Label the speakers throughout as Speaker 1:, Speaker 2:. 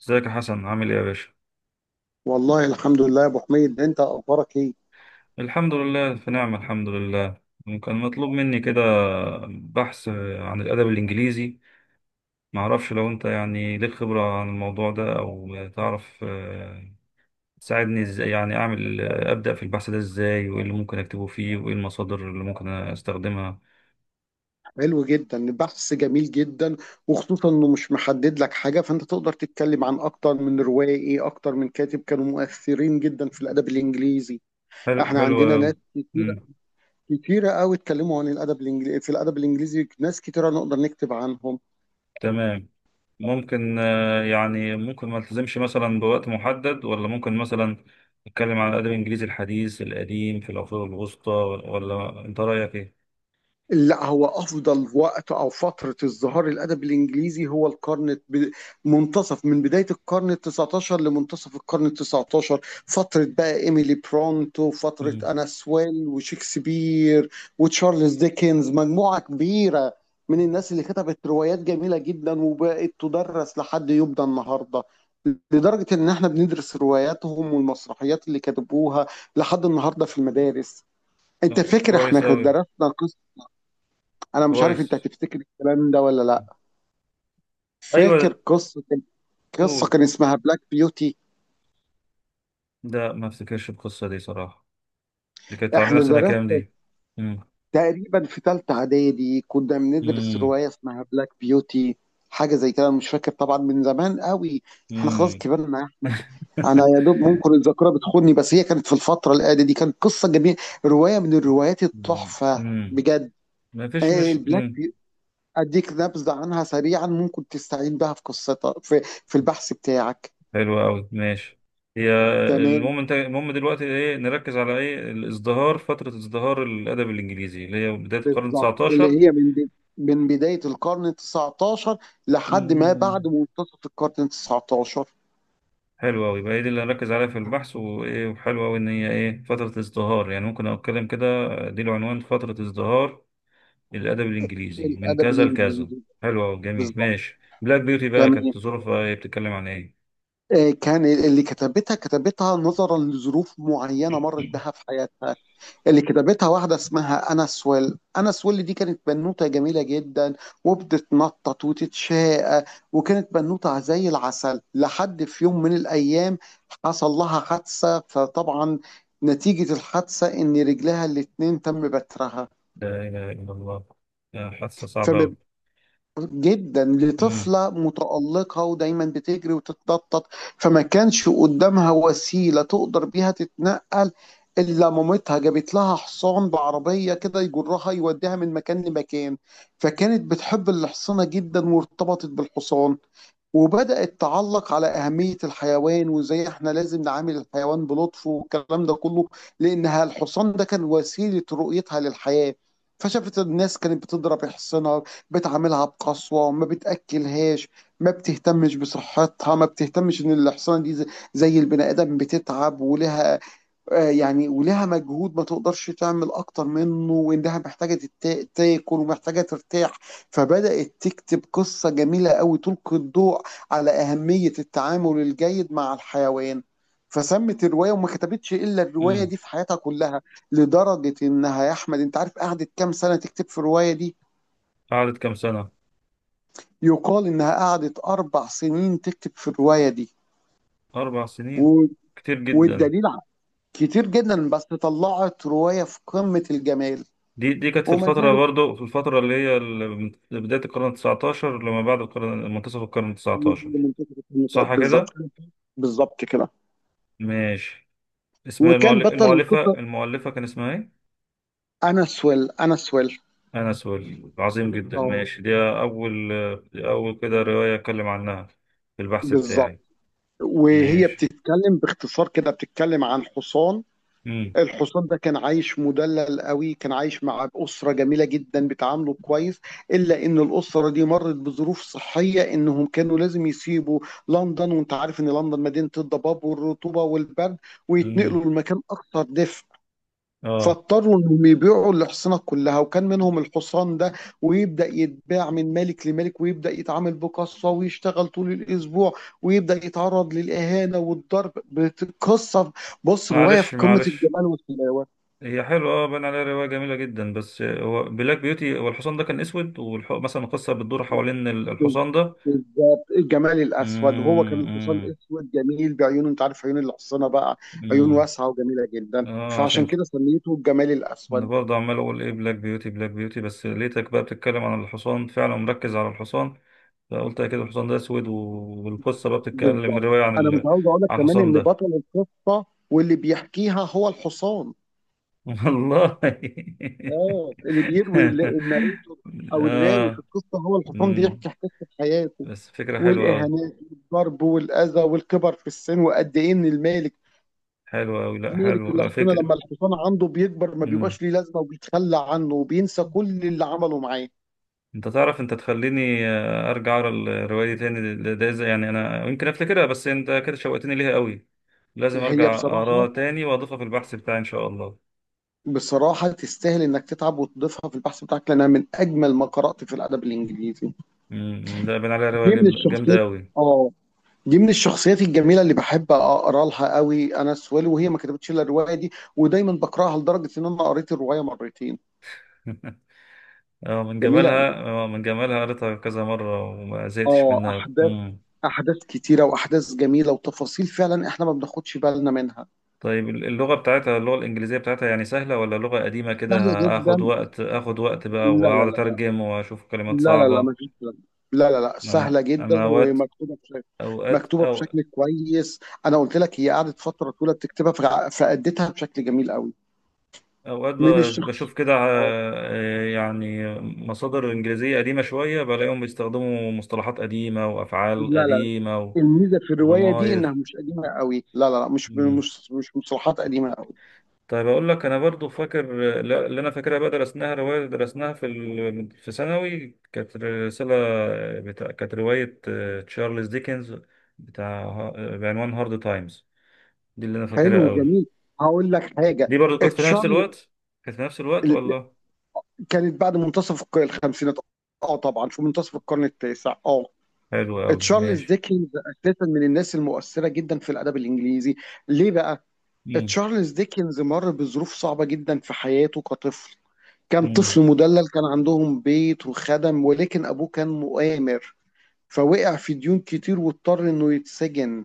Speaker 1: ازيك يا حسن، عامل ايه يا باشا؟
Speaker 2: والله الحمد لله يا ابو حميد انت اخبارك ايه؟
Speaker 1: الحمد لله في نعمة، الحمد لله. يعني كان مطلوب مني كده بحث عن الأدب الإنجليزي. معرفش لو انت يعني ليك خبرة عن الموضوع ده او تعرف، تساعدني ازاي، يعني اعمل، أبدأ في البحث ده ازاي، وايه اللي ممكن اكتبه فيه، وايه المصادر اللي ممكن استخدمها؟
Speaker 2: حلو جدا، البحث جميل جدا، وخصوصا انه مش محدد لك حاجه، فانت تقدر تتكلم عن اكتر من روائي، اكتر من كاتب كانوا مؤثرين جدا في الادب الانجليزي.
Speaker 1: حلو،
Speaker 2: احنا
Speaker 1: حلو
Speaker 2: عندنا ناس
Speaker 1: أوي.
Speaker 2: كتيره
Speaker 1: مم،
Speaker 2: كتيره قوي اتكلموا عن الادب الانجليزي في الادب الانجليزي ناس كتيره نقدر نكتب عنهم.
Speaker 1: تمام. ممكن، يعني ممكن ما التزمش مثلا بوقت محدد، ولا ممكن مثلا نتكلم على الادب الانجليزي الحديث، القديم، في العصور الوسطى، ولا انت رايك ايه؟
Speaker 2: لا، هو افضل وقت او فتره ازدهار الادب الانجليزي هو منتصف من بدايه القرن ال 19 لمنتصف القرن ال 19. فتره بقى ايميلي برونتو، فتره
Speaker 1: مم.
Speaker 2: انا سويل وشكسبير وتشارلز ديكنز، مجموعه كبيره من الناس اللي كتبت روايات جميله جدا وبقت تدرس لحد يبدى النهارده، لدرجه ان احنا بندرس رواياتهم والمسرحيات اللي كتبوها لحد النهارده في المدارس. انت
Speaker 1: لا
Speaker 2: فاكر احنا
Speaker 1: كويس
Speaker 2: كنا
Speaker 1: اوي.
Speaker 2: درسنا؟ انا مش عارف انت
Speaker 1: كويس.
Speaker 2: هتفتكر الكلام ده ولا لا. فاكر
Speaker 1: ايوه.
Speaker 2: قصه
Speaker 1: قول.
Speaker 2: كان اسمها بلاك بيوتي.
Speaker 1: لا، ما افتكرش القصه دي صراحه. دي كانت على
Speaker 2: احنا
Speaker 1: نفسنا كام
Speaker 2: درسنا
Speaker 1: دي؟ امم.
Speaker 2: تقريبا في ثالثه اعدادي كنا بندرس
Speaker 1: امم.
Speaker 2: روايه اسمها بلاك بيوتي، حاجه زي كده. أنا مش فاكر طبعا من زمان قوي، احنا خلاص
Speaker 1: امم.
Speaker 2: كبرنا يا احمد. انا يا دوب ممكن الذاكره بتخوني، بس هي كانت في الفتره الاعداديه دي، كانت قصه جميله، روايه من الروايات التحفه
Speaker 1: امم.
Speaker 2: بجد.
Speaker 1: ما فيش مش
Speaker 2: البلاك
Speaker 1: مم.
Speaker 2: بيوتي اديك نبذه عنها سريعا ممكن تستعين بها في قصتها في في البحث بتاعك.
Speaker 1: حلو قوي، ماشي. هي.
Speaker 2: تمام.
Speaker 1: المهم دلوقتي ايه نركز على ايه؟ الازدهار، فترة ازدهار الادب الانجليزي اللي هي بداية القرن
Speaker 2: بالظبط
Speaker 1: 19.
Speaker 2: اللي هي من بداية القرن التسعتاشر لحد ما بعد
Speaker 1: مم.
Speaker 2: منتصف القرن التسعتاشر.
Speaker 1: حلو قوي. يبقى هي دي اللي هركز عليها في البحث، وايه، وحلو قوي ان هي ايه فترة ازدهار، يعني ممكن اتكلم كده. دي العنوان، فترة ازدهار الادب الانجليزي من
Speaker 2: الأدب
Speaker 1: كذا لكذا.
Speaker 2: الإنجليزي.
Speaker 1: حلو قوي، جميل،
Speaker 2: بالظبط.
Speaker 1: ماشي. بلاك بيوتي بقى
Speaker 2: تمام.
Speaker 1: كانت ظروفها ايه، بتتكلم عن ايه؟
Speaker 2: كان اللي كتبتها كتبتها نظرا لظروف معينة مرت بها في حياتها. اللي كتبتها واحدة اسمها أنا سويل. أنا سويل دي كانت بنوتة جميلة جدا وبتتنطط وتتشاقى، وكانت بنوتة زي العسل. لحد في يوم من الأيام حصل لها حادثة، فطبعا نتيجة الحادثة إن رجلها الاتنين تم بترها.
Speaker 1: لا اله الا الله. آه، حادثة صعبة
Speaker 2: فما
Speaker 1: قوي.
Speaker 2: جدا
Speaker 1: امم.
Speaker 2: لطفلة متألقة ودايما بتجري وتتنطط. فما كانش قدامها وسيلة تقدر بيها تتنقل إلا مامتها جابت لها حصان بعربية كده يجرها، يوديها من مكان لمكان. فكانت بتحب الحصانة جدا وارتبطت بالحصان، وبدأت تعلق على أهمية الحيوان وإزاي إحنا لازم نعامل الحيوان بلطف والكلام ده كله، لأنها الحصان ده كان وسيلة رؤيتها للحياة. فشافت الناس كانت بتضرب حصنها، بتعاملها بقسوة، ما بتأكلهاش، ما بتهتمش بصحتها، ما بتهتمش إن الحصانة دي زي زي البني آدم بتتعب، ولها يعني ولها مجهود ما تقدرش تعمل اكتر منه، وانها محتاجه تاكل ومحتاجه ترتاح. فبدات تكتب قصه جميله قوي تلقي الضوء على اهميه التعامل الجيد مع الحيوان. فسمت الروايه، وما كتبتش الا الروايه
Speaker 1: امم.
Speaker 2: دي في حياتها كلها. لدرجه انها، يا احمد انت عارف قعدت كام سنه تكتب في الروايه دي؟
Speaker 1: قعدت كام سنة؟
Speaker 2: يقال انها قعدت اربع سنين تكتب في الروايه دي،
Speaker 1: أربع سنين.
Speaker 2: و...
Speaker 1: كتير جدا.
Speaker 2: والدليل ع- كتير جدا، بس طلعت روايه في قمه الجمال
Speaker 1: دي كانت في
Speaker 2: وما
Speaker 1: الفترة،
Speaker 2: زالت.
Speaker 1: برضو في الفترة اللي هي من بداية القرن التسعتاشر لما بعد منتصف القرن التسعتاشر.
Speaker 2: منتخب النطاق
Speaker 1: صح
Speaker 2: بالظبط.
Speaker 1: كده؟
Speaker 2: بالظبط كده.
Speaker 1: ماشي. اسمها
Speaker 2: وكان
Speaker 1: المؤل-
Speaker 2: بطل
Speaker 1: المؤلفة
Speaker 2: القصه
Speaker 1: المؤلفة كان اسمها ايه؟
Speaker 2: انس ويل. انس ويل.
Speaker 1: أنا سوري، عظيم جدا،
Speaker 2: اه.
Speaker 1: ماشي، دي أول كده رواية أتكلم عنها في البحث
Speaker 2: بالظبط.
Speaker 1: بتاعي.
Speaker 2: وهي
Speaker 1: ماشي.
Speaker 2: بتتكلم باختصار كده، بتتكلم عن حصان.
Speaker 1: مم.
Speaker 2: الحصان ده كان عايش مدلل قوي، كان عايش مع أسرة جميلة جدا بتعامله كويس، إلا إن الأسرة دي مرت بظروف صحية، إنهم كانوا لازم يسيبوا لندن. وأنت عارف إن لندن مدينة الضباب والرطوبة والبرد،
Speaker 1: مم.
Speaker 2: ويتنقلوا لمكان أكثر دفء.
Speaker 1: اه.
Speaker 2: فاضطروا انهم يبيعوا الحصنه كلها، وكان منهم الحصان ده. ويبدا يتباع من ملك لملك، ويبدا يتعامل بقسوه، ويشتغل طول الاسبوع، ويبدا يتعرض للاهانه والضرب بتقصف. بص، روايه في
Speaker 1: معلش،
Speaker 2: قمه
Speaker 1: معلش.
Speaker 2: الجمال والحلاوه.
Speaker 1: هي حلوة، اه، باين عليها رواية جميلة جدا. بس هو بلاك بيوتي، هو الحصان ده كان اسود مثلا القصة بتدور حوالين الحصان ده.
Speaker 2: بالظبط، الجمال الاسود. هو كان
Speaker 1: امم.
Speaker 2: الحصان
Speaker 1: امم.
Speaker 2: اسود جميل بعيونه، انت عارف عيون الحصانه بقى، عيون
Speaker 1: امم.
Speaker 2: واسعه وجميله جدا،
Speaker 1: اه، عشان
Speaker 2: فعشان
Speaker 1: كده.
Speaker 2: كده سميته الجمال
Speaker 1: انا
Speaker 2: الاسود.
Speaker 1: برضه عمال اقول ايه، بلاك بيوتي، بلاك بيوتي، بس لقيتك بقى بتتكلم عن الحصان، فعلا مركز على الحصان. فقلت اكيد الحصان ده اسود، والقصة بقى بتتكلم،
Speaker 2: بالظبط.
Speaker 1: الرواية عن
Speaker 2: انا مش عاوز اقول لك
Speaker 1: عن
Speaker 2: كمان
Speaker 1: الحصان
Speaker 2: ان
Speaker 1: ده.
Speaker 2: بطل القصه واللي بيحكيها هو الحصان.
Speaker 1: والله.
Speaker 2: اه، اللي بيروي الناريتور او الراوي في
Speaker 1: اه.
Speaker 2: القصه هو الحصان،
Speaker 1: أمم.
Speaker 2: بيحكي حكايه حياته
Speaker 1: بس فكرة حلوة أوي.
Speaker 2: والاهانات والضرب والاذى والكبر في السن، وقد ايه ان المالك،
Speaker 1: حلوة أوي، لا
Speaker 2: مالك
Speaker 1: حلوة، لا
Speaker 2: الحصانه، لما
Speaker 1: فكرة.
Speaker 2: الحصان عنده بيكبر ما
Speaker 1: مم.
Speaker 2: بيبقاش ليه لازمه، وبيتخلى عنه، وبينسى كل اللي عمله معاه.
Speaker 1: انت تعرف، انت تخليني، ارجع اقرا الروايه دي تاني. يعني انا يمكن افتكرها بس انت كده شوقتني ليها قوي. لازم
Speaker 2: هي
Speaker 1: ارجع اقراها
Speaker 2: بصراحه،
Speaker 1: تاني واضيفها في البحث بتاعي ان شاء الله.
Speaker 2: بصراحه تستاهل انك تتعب وتضيفها في البحث بتاعك، لانها من اجمل ما قرات في الادب الانجليزي.
Speaker 1: مم. لا، بين عليها روايه
Speaker 2: دي من
Speaker 1: جامده
Speaker 2: الشخصيات.
Speaker 1: قوي.
Speaker 2: اه. دي من الشخصيات الجميلة اللي باحب أقرا لها أوي. أنا سويل، وهي ما كتبتش إلا الرواية دي، ودايمًا باقراها لدرجة إن أنا قريت الرواية مرتين.
Speaker 1: اه من
Speaker 2: جميلة
Speaker 1: جمالها،
Speaker 2: قوي.
Speaker 1: اه من جمالها قريتها كذا مره وما زهقتش منها
Speaker 2: أحداث،
Speaker 1: مم.
Speaker 2: أحداث كتيرة، وأحداث جميلة، وتفاصيل فعلًا إحنا ما بناخدش بالنا منها.
Speaker 1: طيب، اللغه الانجليزيه بتاعتها يعني سهله ولا لغه قديمه كده؟
Speaker 2: سهلة
Speaker 1: هاخد
Speaker 2: جدًا.
Speaker 1: وقت اخد وقت بقى
Speaker 2: لا، لا، لا،
Speaker 1: واقعد
Speaker 2: لا.
Speaker 1: اترجم واشوف كلمات
Speaker 2: لا، لا، لا، ما
Speaker 1: صعبه.
Speaker 2: فيش الكلام ده. لا، لا، لأ،
Speaker 1: ما
Speaker 2: سهلة
Speaker 1: انا
Speaker 2: جدًا
Speaker 1: انا اوقات،
Speaker 2: ومكتوبة بشكل،
Speaker 1: اوقات
Speaker 2: مكتوبة
Speaker 1: أو
Speaker 2: بشكل كويس. أنا قُلت لك هي قعدت فترة طويلة بتكتبها، فأدِّتها بشكل جميل أوي.
Speaker 1: اوقات
Speaker 2: من
Speaker 1: ب-
Speaker 2: الشخص.
Speaker 1: بشوف كده،
Speaker 2: آه،
Speaker 1: يعني مصادر انجليزيه قديمه شويه بلاقيهم بيستخدموا مصطلحات قديمه وافعال
Speaker 2: لا، لا،
Speaker 1: قديمه
Speaker 2: الميزه في الروايه دي انها
Speaker 1: وضمائر.
Speaker 2: مش قديمه قوي. لا لا لا، مش
Speaker 1: مم.
Speaker 2: مش مش مصطلحات قديمه قوي.
Speaker 1: طيب، اقول لك انا برضو فاكر، اللي انا فاكرها بقى درسناها روايه في ثانوي كانت رساله، بتاع، كانت روايه، تشارلز ديكنز، بتاع، بعنوان هارد تايمز، دي اللي انا فاكرها
Speaker 2: حلو،
Speaker 1: قوي.
Speaker 2: جميل. هقول لك
Speaker 1: دي
Speaker 2: حاجه.
Speaker 1: برضو كانت في نفس
Speaker 2: تشارلز
Speaker 1: الوقت، كانت في نفس الوقت ولا؟
Speaker 2: كانت بعد منتصف الخمسينات. اه طبعا، شو منتصف القرن التاسع. اه.
Speaker 1: حلو قوي،
Speaker 2: تشارلز
Speaker 1: ماشي.
Speaker 2: ديكنز اساسا من الناس المؤثره جدا في الادب الانجليزي. ليه بقى؟
Speaker 1: مم.
Speaker 2: تشارلز ديكنز مر بظروف صعبه جدا في حياته كطفل. كان طفل
Speaker 1: مم.
Speaker 2: مدلل، كان عندهم بيت وخدم، ولكن ابوه كان مؤامر، فوقع في ديون كتير واضطر انه يتسجن.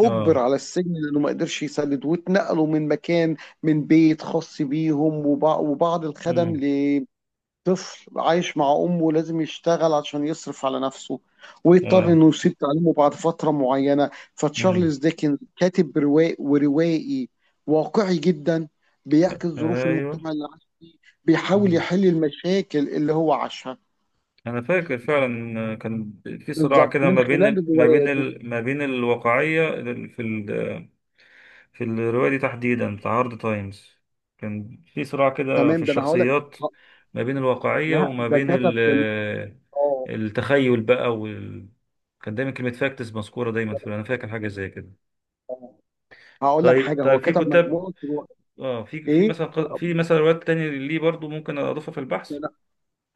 Speaker 2: اجبر
Speaker 1: اه.
Speaker 2: على السجن لانه ما قدرش يسدد، واتنقلوا من مكان، من بيت خاص بيهم وبعض الخدم،
Speaker 1: امم.
Speaker 2: لطفل عايش مع امه لازم يشتغل عشان يصرف على نفسه، ويضطر
Speaker 1: اه.
Speaker 2: انه يسيب تعليمه بعد فتره معينه.
Speaker 1: امم.
Speaker 2: فتشارلز ديكن كاتب رواق وروائي واقعي جدا، بيعكس ظروف
Speaker 1: ايوه.
Speaker 2: المجتمع اللي عاش فيه، بيحاول
Speaker 1: امم.
Speaker 2: يحل المشاكل اللي هو عاشها
Speaker 1: انا فاكر فعلا كان في صراع
Speaker 2: بالظبط
Speaker 1: كده
Speaker 2: من خلال رواياته.
Speaker 1: ما بين الواقعيه في في الروايه دي تحديدا بتاع هارد تايمز، كان في صراع كده في
Speaker 2: تمام، ده انا هقول لك،
Speaker 1: الشخصيات، ما بين الواقعيه
Speaker 2: لا
Speaker 1: وما
Speaker 2: ده
Speaker 1: بين
Speaker 2: كتب كمان. اه.
Speaker 1: التخيل بقى كان دايما كلمه فاكتس مذكوره دايما، في انا فاكر حاجه زي كده.
Speaker 2: آه. هقول لك
Speaker 1: طيب،
Speaker 2: حاجه، هو
Speaker 1: طيب، في
Speaker 2: كتب
Speaker 1: كتاب،
Speaker 2: مجموعه روايات.
Speaker 1: اه، في في
Speaker 2: ايه
Speaker 1: مثلا ق- في مثلا روايات تانية ليه برضو ممكن اضيفها في البحث؟
Speaker 2: ده؟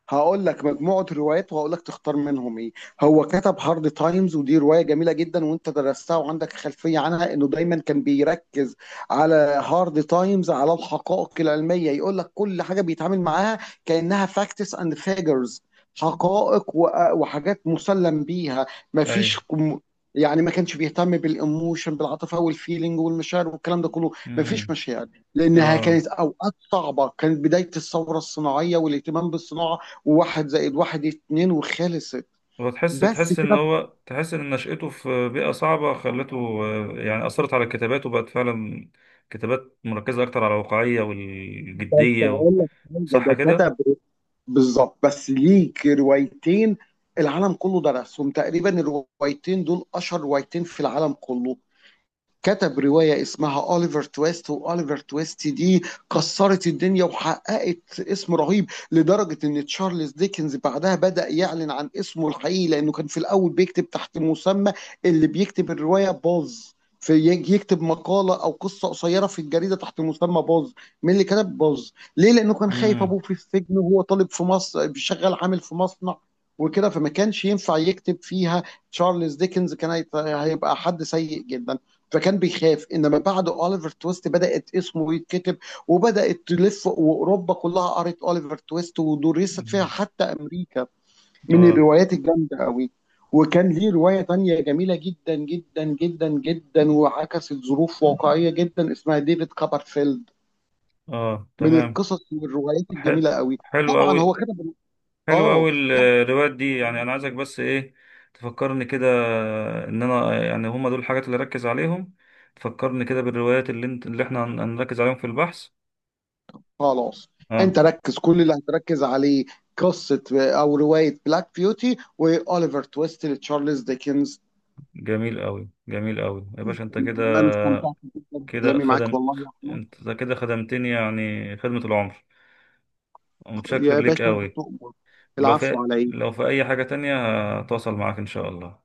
Speaker 2: هقول لك مجموعة روايات، وهقول لك تختار منهم ايه. هو كتب هارد تايمز، ودي رواية جميلة جدا وانت درستها وعندك خلفية عنها، انه دايما كان بيركز على، هارد تايمز على الحقائق العلمية، يقول لك كل حاجة بيتعامل معاها كأنها فاكتس اند فيجرز، حقائق و- وحاجات مسلم بيها. مفيش
Speaker 1: ايوه.
Speaker 2: كم- يعني ما كانش بيهتم بالايموشن، بالعاطفة والفيلينج والمشاعر والكلام ده كله. مفيش
Speaker 1: امم.
Speaker 2: مشاعر، لانها
Speaker 1: اه.
Speaker 2: كانت اوقات صعبة، كانت بداية الثورة الصناعية والاهتمام بالصناعة، وواحد زائد واحد اتنين وخلصت.
Speaker 1: هو تحس
Speaker 2: بس
Speaker 1: تحس ان
Speaker 2: كده.
Speaker 1: هو تحس ان نشأته في بيئة صعبة خلته، يعني أثرت على كتاباته، بقت فعلا كتابات مركزة أكتر على الواقعية
Speaker 2: بس
Speaker 1: والجدية
Speaker 2: هقول لك حاجه،
Speaker 1: صح
Speaker 2: ده
Speaker 1: كده؟
Speaker 2: كتب، بالظبط، بس ليك روايتين العالم كله درسهم تقريبا. الروايتين دول اشهر روايتين في العالم كله. كتب رواية اسمها أوليفر تويست، وأوليفر تويست دي كسرت الدنيا وحققت اسم رهيب، لدرجة إن تشارلز ديكنز بعدها بدأ يعلن عن اسمه الحقيقي، لأنه كان في الأول بيكتب تحت مسمى، اللي بيكتب الرواية باز، في يجي يكتب مقالة أو قصة قصيرة في الجريدة تحت مسمى باز. مين اللي كتب باز؟ ليه؟ لأنه كان خايف
Speaker 1: امم.
Speaker 2: أبوه في السجن، وهو طالب في مصر شغال عامل في مصنع وكده، فما كانش ينفع يكتب فيها تشارلز ديكنز، كان هيبقى حد سيء جدا، فكان بيخاف. انما بعد اوليفر تويست بدات اسمه يتكتب، وبدات تلف واوروبا كلها قرت اوليفر تويست ودرست فيها،
Speaker 1: أمم.
Speaker 2: حتى امريكا. من
Speaker 1: اه.
Speaker 2: الروايات الجامده قوي. وكان ليه روايه تانية جميله جدا جدا جدا جدا، وعكست ظروف واقعيه جدا، اسمها ديفيد كوبرفيلد.
Speaker 1: اه،
Speaker 2: من
Speaker 1: تمام.
Speaker 2: القصص والروايات
Speaker 1: حل...
Speaker 2: الجميله قوي.
Speaker 1: حلو
Speaker 2: طبعا هو
Speaker 1: أوي.
Speaker 2: كتب.
Speaker 1: حلو
Speaker 2: اه.
Speaker 1: أوي الروايات دي، يعني
Speaker 2: طبعا.
Speaker 1: أنا عايزك بس إيه، تفكرني كده إن أنا يعني هما دول الحاجات اللي أركز عليهم، تفكرني كده بالروايات اللي احنا هنركز عليهم في البحث.
Speaker 2: خلاص، انت
Speaker 1: اه.
Speaker 2: ركز كل اللي هتركز عليه قصة او رواية بلاك بيوتي واوليفر تويست لتشارلز ديكنز.
Speaker 1: جميل قوي، جميل قوي يا باشا، انت كده،
Speaker 2: انا استمتعت جدا
Speaker 1: كده
Speaker 2: بكلامي معاك
Speaker 1: خدم،
Speaker 2: والله يا احمد.
Speaker 1: انت كده خدمتني يعني خدمة العمر. ومتشكر
Speaker 2: يا
Speaker 1: ليك
Speaker 2: باشا انت
Speaker 1: قوي.
Speaker 2: تؤمر.
Speaker 1: ولو
Speaker 2: العفو
Speaker 1: في
Speaker 2: علي.
Speaker 1: لو في اي حاجة تانية، هتواصل معاك ان شاء الله.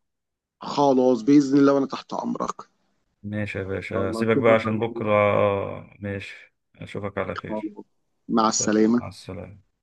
Speaker 2: خلاص بإذن الله، وانا تحت امرك ان
Speaker 1: ماشي يا
Speaker 2: شاء
Speaker 1: باشا،
Speaker 2: الله،
Speaker 1: سيبك بقى
Speaker 2: اشوفك
Speaker 1: عشان
Speaker 2: على خير.
Speaker 1: بكرة. ماشي، اشوفك على
Speaker 2: خلاص،
Speaker 1: خير.
Speaker 2: مع
Speaker 1: سلام، مع
Speaker 2: السلامة.
Speaker 1: السلامة.